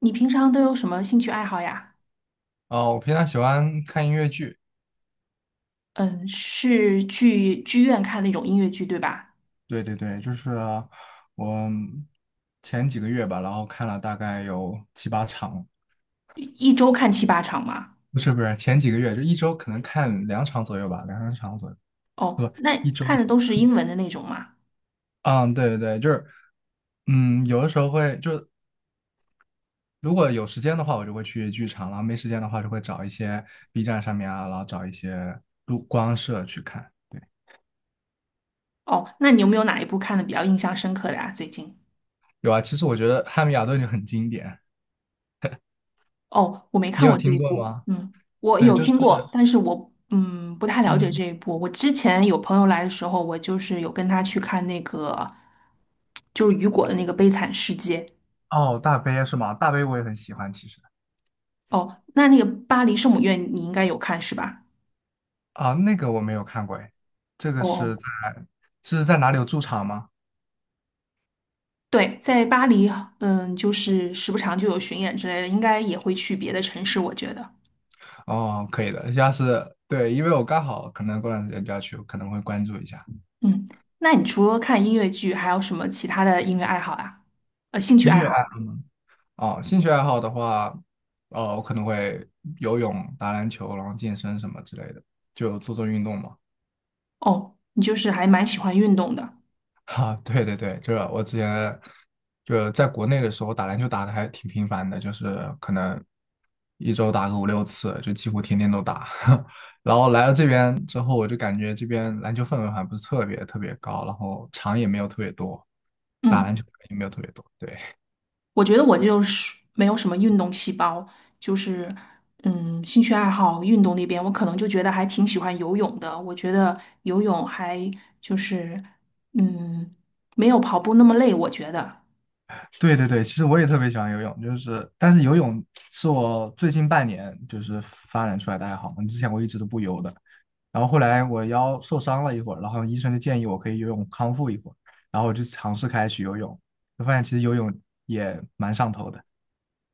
你平常都有什么兴趣爱好呀？哦，我平常喜欢看音乐剧，嗯，是去剧院看那种音乐剧，对吧？对对对，就是我前几个月吧，然后看了大概有七八场。一周看七八场吗？不是不是，前几个月就一周可能看两场左右吧，两三场左右。哦，不，那一周。看的都是英文的那种吗？嗯，对对对，就是有的时候会就是如果有时间的话，我就会去剧场，然后没时间的话就会找一些 B 站上面啊，然后找一些录光社去看。哦，那你有没有哪一部看的比较印象深刻的呀？最近？有啊，其实我觉得《汉密尔顿》就很经典，哦，我没你看有过这听一过部，吗？嗯，我对，有就是。听过，但是我不太了解嗯。这一部。我之前有朋友来的时候，我就是有跟他去看那个，就是雨果的那个《悲惨世界》。哦，大杯是吗？大杯我也很喜欢，其实。哦，那个巴黎圣母院你应该有看是吧？啊，那个我没有看过哎，这个哦是哦，在是在哪里有驻场吗？对，在巴黎，嗯，就是时不常就有巡演之类的，应该也会去别的城市，我觉得。哦，可以的，要是对，因为我刚好可能过段时间就要去，我可能会关注一下。嗯，那你除了看音乐剧，还有什么其他的音乐爱好呀？兴趣音爱乐好爱呀。哦，兴趣爱好的话，我可能会游泳、打篮球，然后健身什么之类的，就做做运动嘛。哦，你就是还蛮喜欢运动的。哈，对对对，这我之前就在国内的时候打篮球打的还挺频繁的，就是可能一周打个五六次，就几乎天天都打。然后来了这边之后，我就感觉这边篮球氛围还不是特别特别高，然后场也没有特别多，打嗯，篮球的人也没有特别多，对。我觉得我就是没有什么运动细胞，就是兴趣爱好运动那边，我可能就觉得还挺喜欢游泳的。我觉得游泳还就是嗯，没有跑步那么累，我觉得。对对对，其实我也特别喜欢游泳，就是但是游泳是我最近半年就是发展出来的爱好嘛，之前我一直都不游的，然后后来我腰受伤了一会儿，然后医生就建议我可以游泳康复一会儿，然后我就尝试开始去游泳，就发现其实游泳也蛮上头的。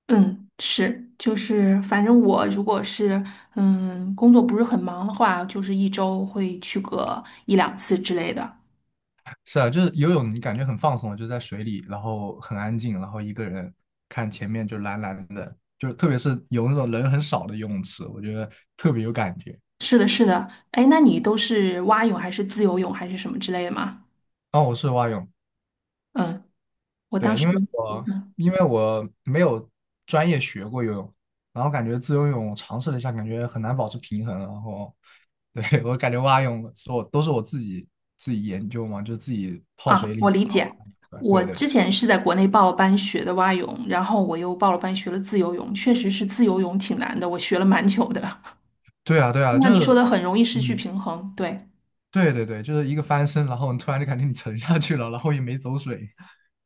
嗯，是，就是反正我如果是工作不是很忙的话，就是一周会去个一两次之类的。是啊，就是游泳你感觉很放松，就在水里，然后很安静，然后一个人看前面就蓝蓝的，就是特别是有那种人很少的游泳池，我觉得特别有感觉。是的，是的。哎，那你都是蛙泳还是自由泳还是什么之类的吗？哦，我是蛙泳。嗯，我当对，因时。为我嗯因为我没有专业学过游泳，然后感觉自由游泳尝试了一下，感觉很难保持平衡，然后对。 我感觉蛙泳都是我自己研究嘛，就自己泡水里，我然理后解。我对对之对，前是在国内报了班学的蛙泳，然后我又报了班学了自由泳，确实是自由泳挺难的，我学了蛮久的。对啊对 啊，那就你说是的很容易失去嗯平衡，对。对对对，就是一个翻身，然后你突然就感觉你沉下去了，然后也没走水，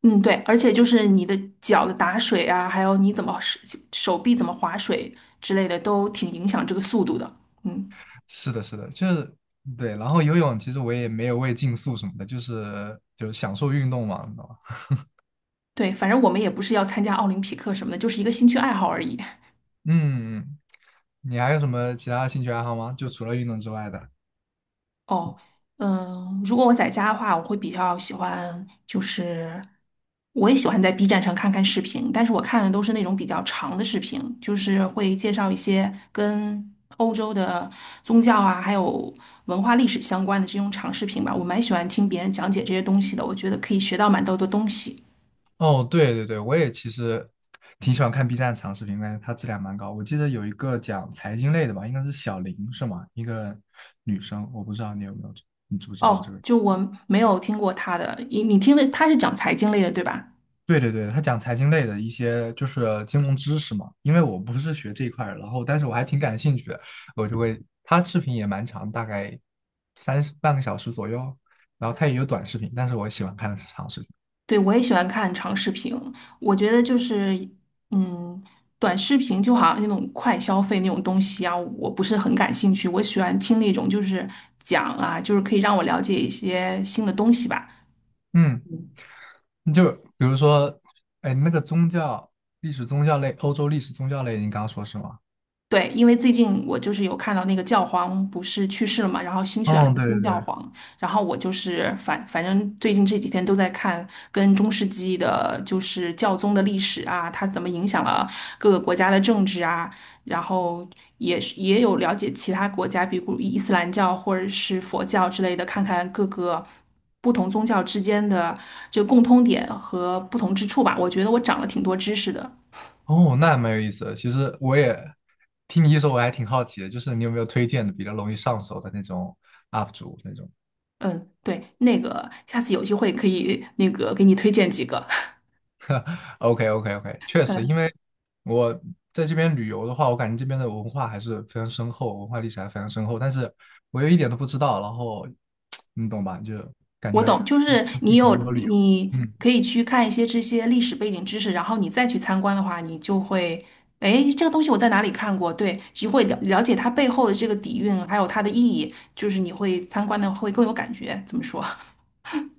嗯，对，而且就是你的脚的打水啊，还有你怎么手臂怎么划水之类的，都挺影响这个速度的。嗯，是的，是的，就是对。然后游泳其实我也没有为竞速什么的，就是享受运动嘛。对，反正我们也不是要参加奥林匹克什么的，就是一个兴趣爱好而已。嗯，你还有什么其他兴趣爱好吗？就除了运动之外的？哦，嗯，如果我在家的话，我会比较喜欢，就是我也喜欢在 B 站上看看视频，但是我看的都是那种比较长的视频，就是会介绍一些跟欧洲的宗教啊，还有文化历史相关的这种长视频吧。我蛮喜欢听别人讲解这些东西的，我觉得可以学到蛮多的东西。哦，对对对，我也其实挺喜欢看 B 站长视频，感觉它质量蛮高。我记得有一个讲财经类的吧，应该是小林是吗？一个女生，我不知道你有没有，你知不知道这哦，个人。就我没有听过他的，你听的他是讲财经类的，对吧？对对对，他讲财经类的一些就是金融知识嘛，因为我不是学这一块儿，然后但是我还挺感兴趣的，我就会，他视频也蛮长，大概三十半个小时左右，然后他也有短视频，但是我喜欢看长视频。对，我也喜欢看长视频，我觉得就是，嗯，短视频就好像那种快消费那种东西啊，我不是很感兴趣。我喜欢听那种就是讲啊，就是可以让我了解一些新的东西吧。嗯。你就比如说，哎，那个宗教历史宗教类，欧洲历史宗教类，你刚刚说是吗？对，因为最近我就是有看到那个教皇不是去世了嘛，然后新选了一嗯，个对新对教对。皇，然后我就是反正最近这几天都在看跟中世纪的，就是教宗的历史啊，它怎么影响了各个国家的政治啊，然后也有了解其他国家，比如伊斯兰教或者是佛教之类的，看看各个不同宗教之间的这个共通点和不同之处吧。我觉得我长了挺多知识的。哦，那还蛮有意思的。其实我也听你一说，我还挺好奇的，就是你有没有推荐的比较容易上手的那种 UP 主那种嗯，对，那个下次有机会可以那个给你推荐几个。？OK OK OK，确实，因嗯，为我在这边旅游的话，我感觉这边的文化还是非常深厚，文化历史还非常深厚，但是我又一点都不知道，然后 你懂吧？就感我觉懂，就会是失你去很有多旅游。你嗯。可以去看一些这些历史背景知识，然后你再去参观的话，你就会，哎，这个东西我在哪里看过？对，就会了解它背后的这个底蕴，还有它的意义，就是你会参观的会更有感觉。怎么说？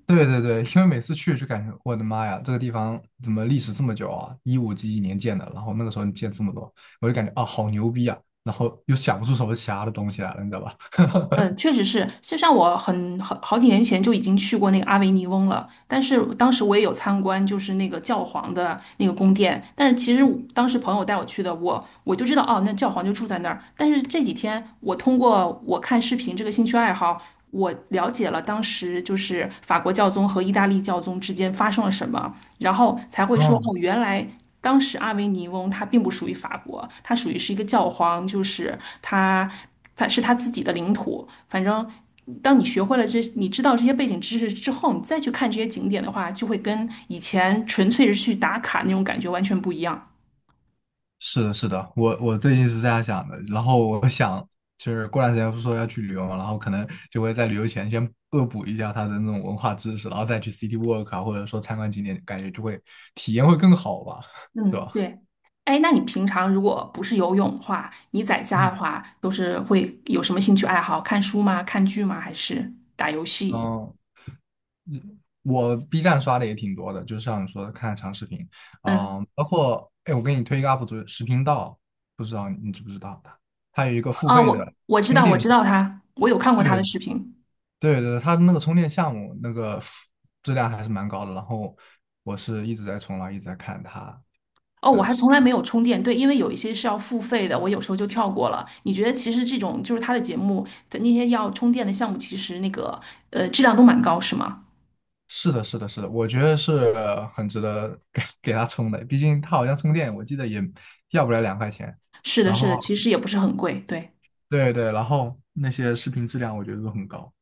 对对对，因为每次去就感觉我的妈呀，这个地方怎么历史这么久啊？一五几几年建的，然后那个时候建这么多，我就感觉啊好牛逼啊，然后又想不出什么其他的东西来了，你知道吧？嗯，确实是，就像我很好几年前就已经去过那个阿维尼翁了，但是当时我也有参观，就是那个教皇的那个宫殿。但是其实我当时朋友带我去的，我就知道哦，那教皇就住在那儿。但是这几天我通过我看视频这个兴趣爱好，我了解了当时就是法国教宗和意大利教宗之间发生了什么，然后才会说嗯，哦，原来当时阿维尼翁它并不属于法国，它属于是一个教皇，就是他是他自己的领土。反正当你学会了这，你知道这些背景知识之后，你再去看这些景点的话，就会跟以前纯粹是去打卡那种感觉完全不一样。是的，是的，我最近是这样想的，然后我想就是过段时间不是说要去旅游嘛，然后可能就会在旅游前先恶补一下他的那种文化知识，然后再去 city walk 啊，或者说参观景点，感觉就会体验会更好吧，是嗯，吧？对。哎，那你平常如果不是游泳的话，你在家嗯。的话都是会有什么兴趣爱好？看书吗？看剧吗？还是打游戏？哦，我 B 站刷的也挺多的，就是像你说的看长视频。嗯，嗯，包括哎，我给你推一个 UP 主，食频道，不知道你知不知道他？他有一个付啊，费的我知充道，电我知项道目，他，我有看过他对的视频。对对，他那个充电项目那个质量还是蛮高的。然后我是一直在冲浪，一直在看他哦，我的还视，从来没有充电，对，因为有一些是要付费的，我有时候就跳过了。你觉得其实这种就是他的节目的那些要充电的项目，其实那个质量都蛮高，是吗？是是的，是的，是的，我觉得是很值得给他充的，毕竟他好像充电，我记得也要不了2块钱。是的，然是后的，其实也不是很贵，对对对，然后那些视频质量我觉得都很高。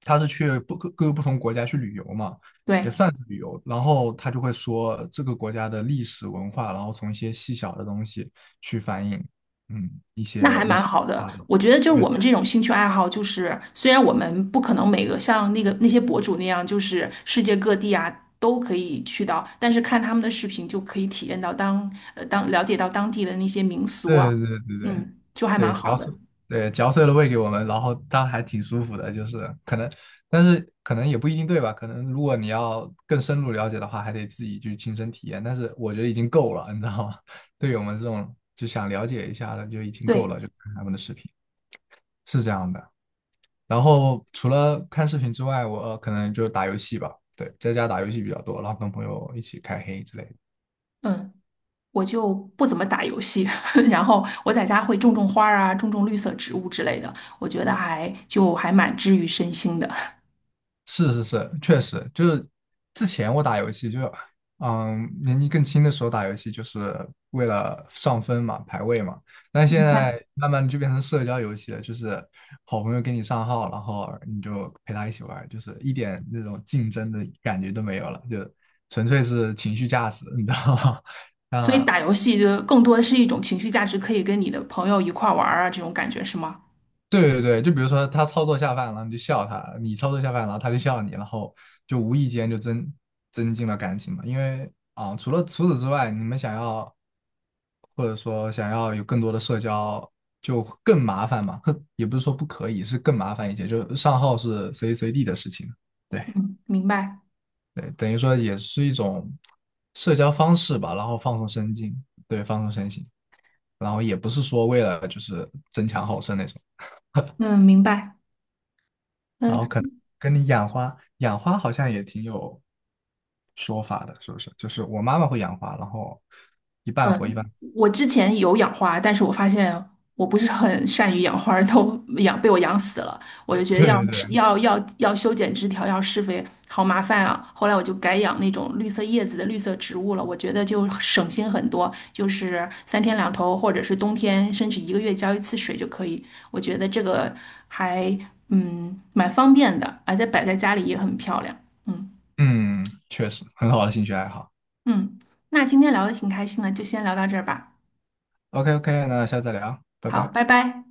他是去不各各个不同国家去旅游嘛，也对，算是旅游。然后他就会说这个国家的历史文化，然后从一些细小的东西去反映，一那些还历蛮史好的。文化的。我觉得就是我们这种兴趣爱好，就是虽然我们不可能每个像那些博主那样，就是世界各地啊都可以去到，但是看他们的视频就可以体验到当呃当了解到当地的那些民俗对啊，对对对嗯，就还蛮对，对，好嚼的。碎，对，嚼碎了喂给我们，然后当然还挺舒服的，就是可能，但是可能也不一定对吧？可能如果你要更深入了解的话，还得自己去亲身体验。但是我觉得已经够了，你知道吗？对于我们这种就想了解一下的，就已经够对，了，就看他们的视频是这样的。然后除了看视频之外，我可能就打游戏吧，对，在家打游戏比较多，然后跟朋友一起开黑之类的。嗯。我就不怎么打游戏，然后我在家会种种花儿啊，种种绿色植物之类的，我觉得还蛮治愈身心的。是是是，确实就是之前我打游戏就是，年纪更轻的时候打游戏就是为了上分嘛，排位嘛。但现明白。在慢慢的就变成社交游戏了，就是好朋友给你上号，然后你就陪他一起玩儿就是一点那种竞争的感觉都没有了，就纯粹是情绪价值，你知道吗？所以啊，打游戏就更多的是一种情绪价值，可以跟你的朋友一块儿玩儿啊，这种感觉是吗？对对对，就比如说他操作下饭了，你就笑他；你操作下饭了，他就笑你，然后就无意间就增进了感情嘛。因为啊，除此之外，你们想要或者说想要有更多的社交，就更麻烦嘛。哼也不是说不可以，是更麻烦一些。就是上号是随时随地的事情，对嗯，明白。对，等于说也是一种社交方式吧，然后放松身心，对，放松身心，然后也不是说为了就是争强好胜那种。嗯，明白。然后可嗯。能跟你养花，养花好像也挺有说法的，是不是？就是我妈妈会养花，然后一半活一半嗯，死。 我之前有养花，但是我发现我不是很善于养花儿，都 养被我养死了。我就 觉得对要对对，要要要修剪枝条，要施肥，好麻烦啊。后来我就改养那种绿色叶子的绿色植物了，我觉得就省心很多，就是三天两头，或者是冬天，甚至一个月浇一次水就可以。我觉得这个还蛮方便的，而且摆在家里也很漂亮。嗯嗯，确实很好的兴趣爱好。嗯，那今天聊的挺开心的，就先聊到这儿吧。OK OK，那下次再聊，拜好，拜。拜拜。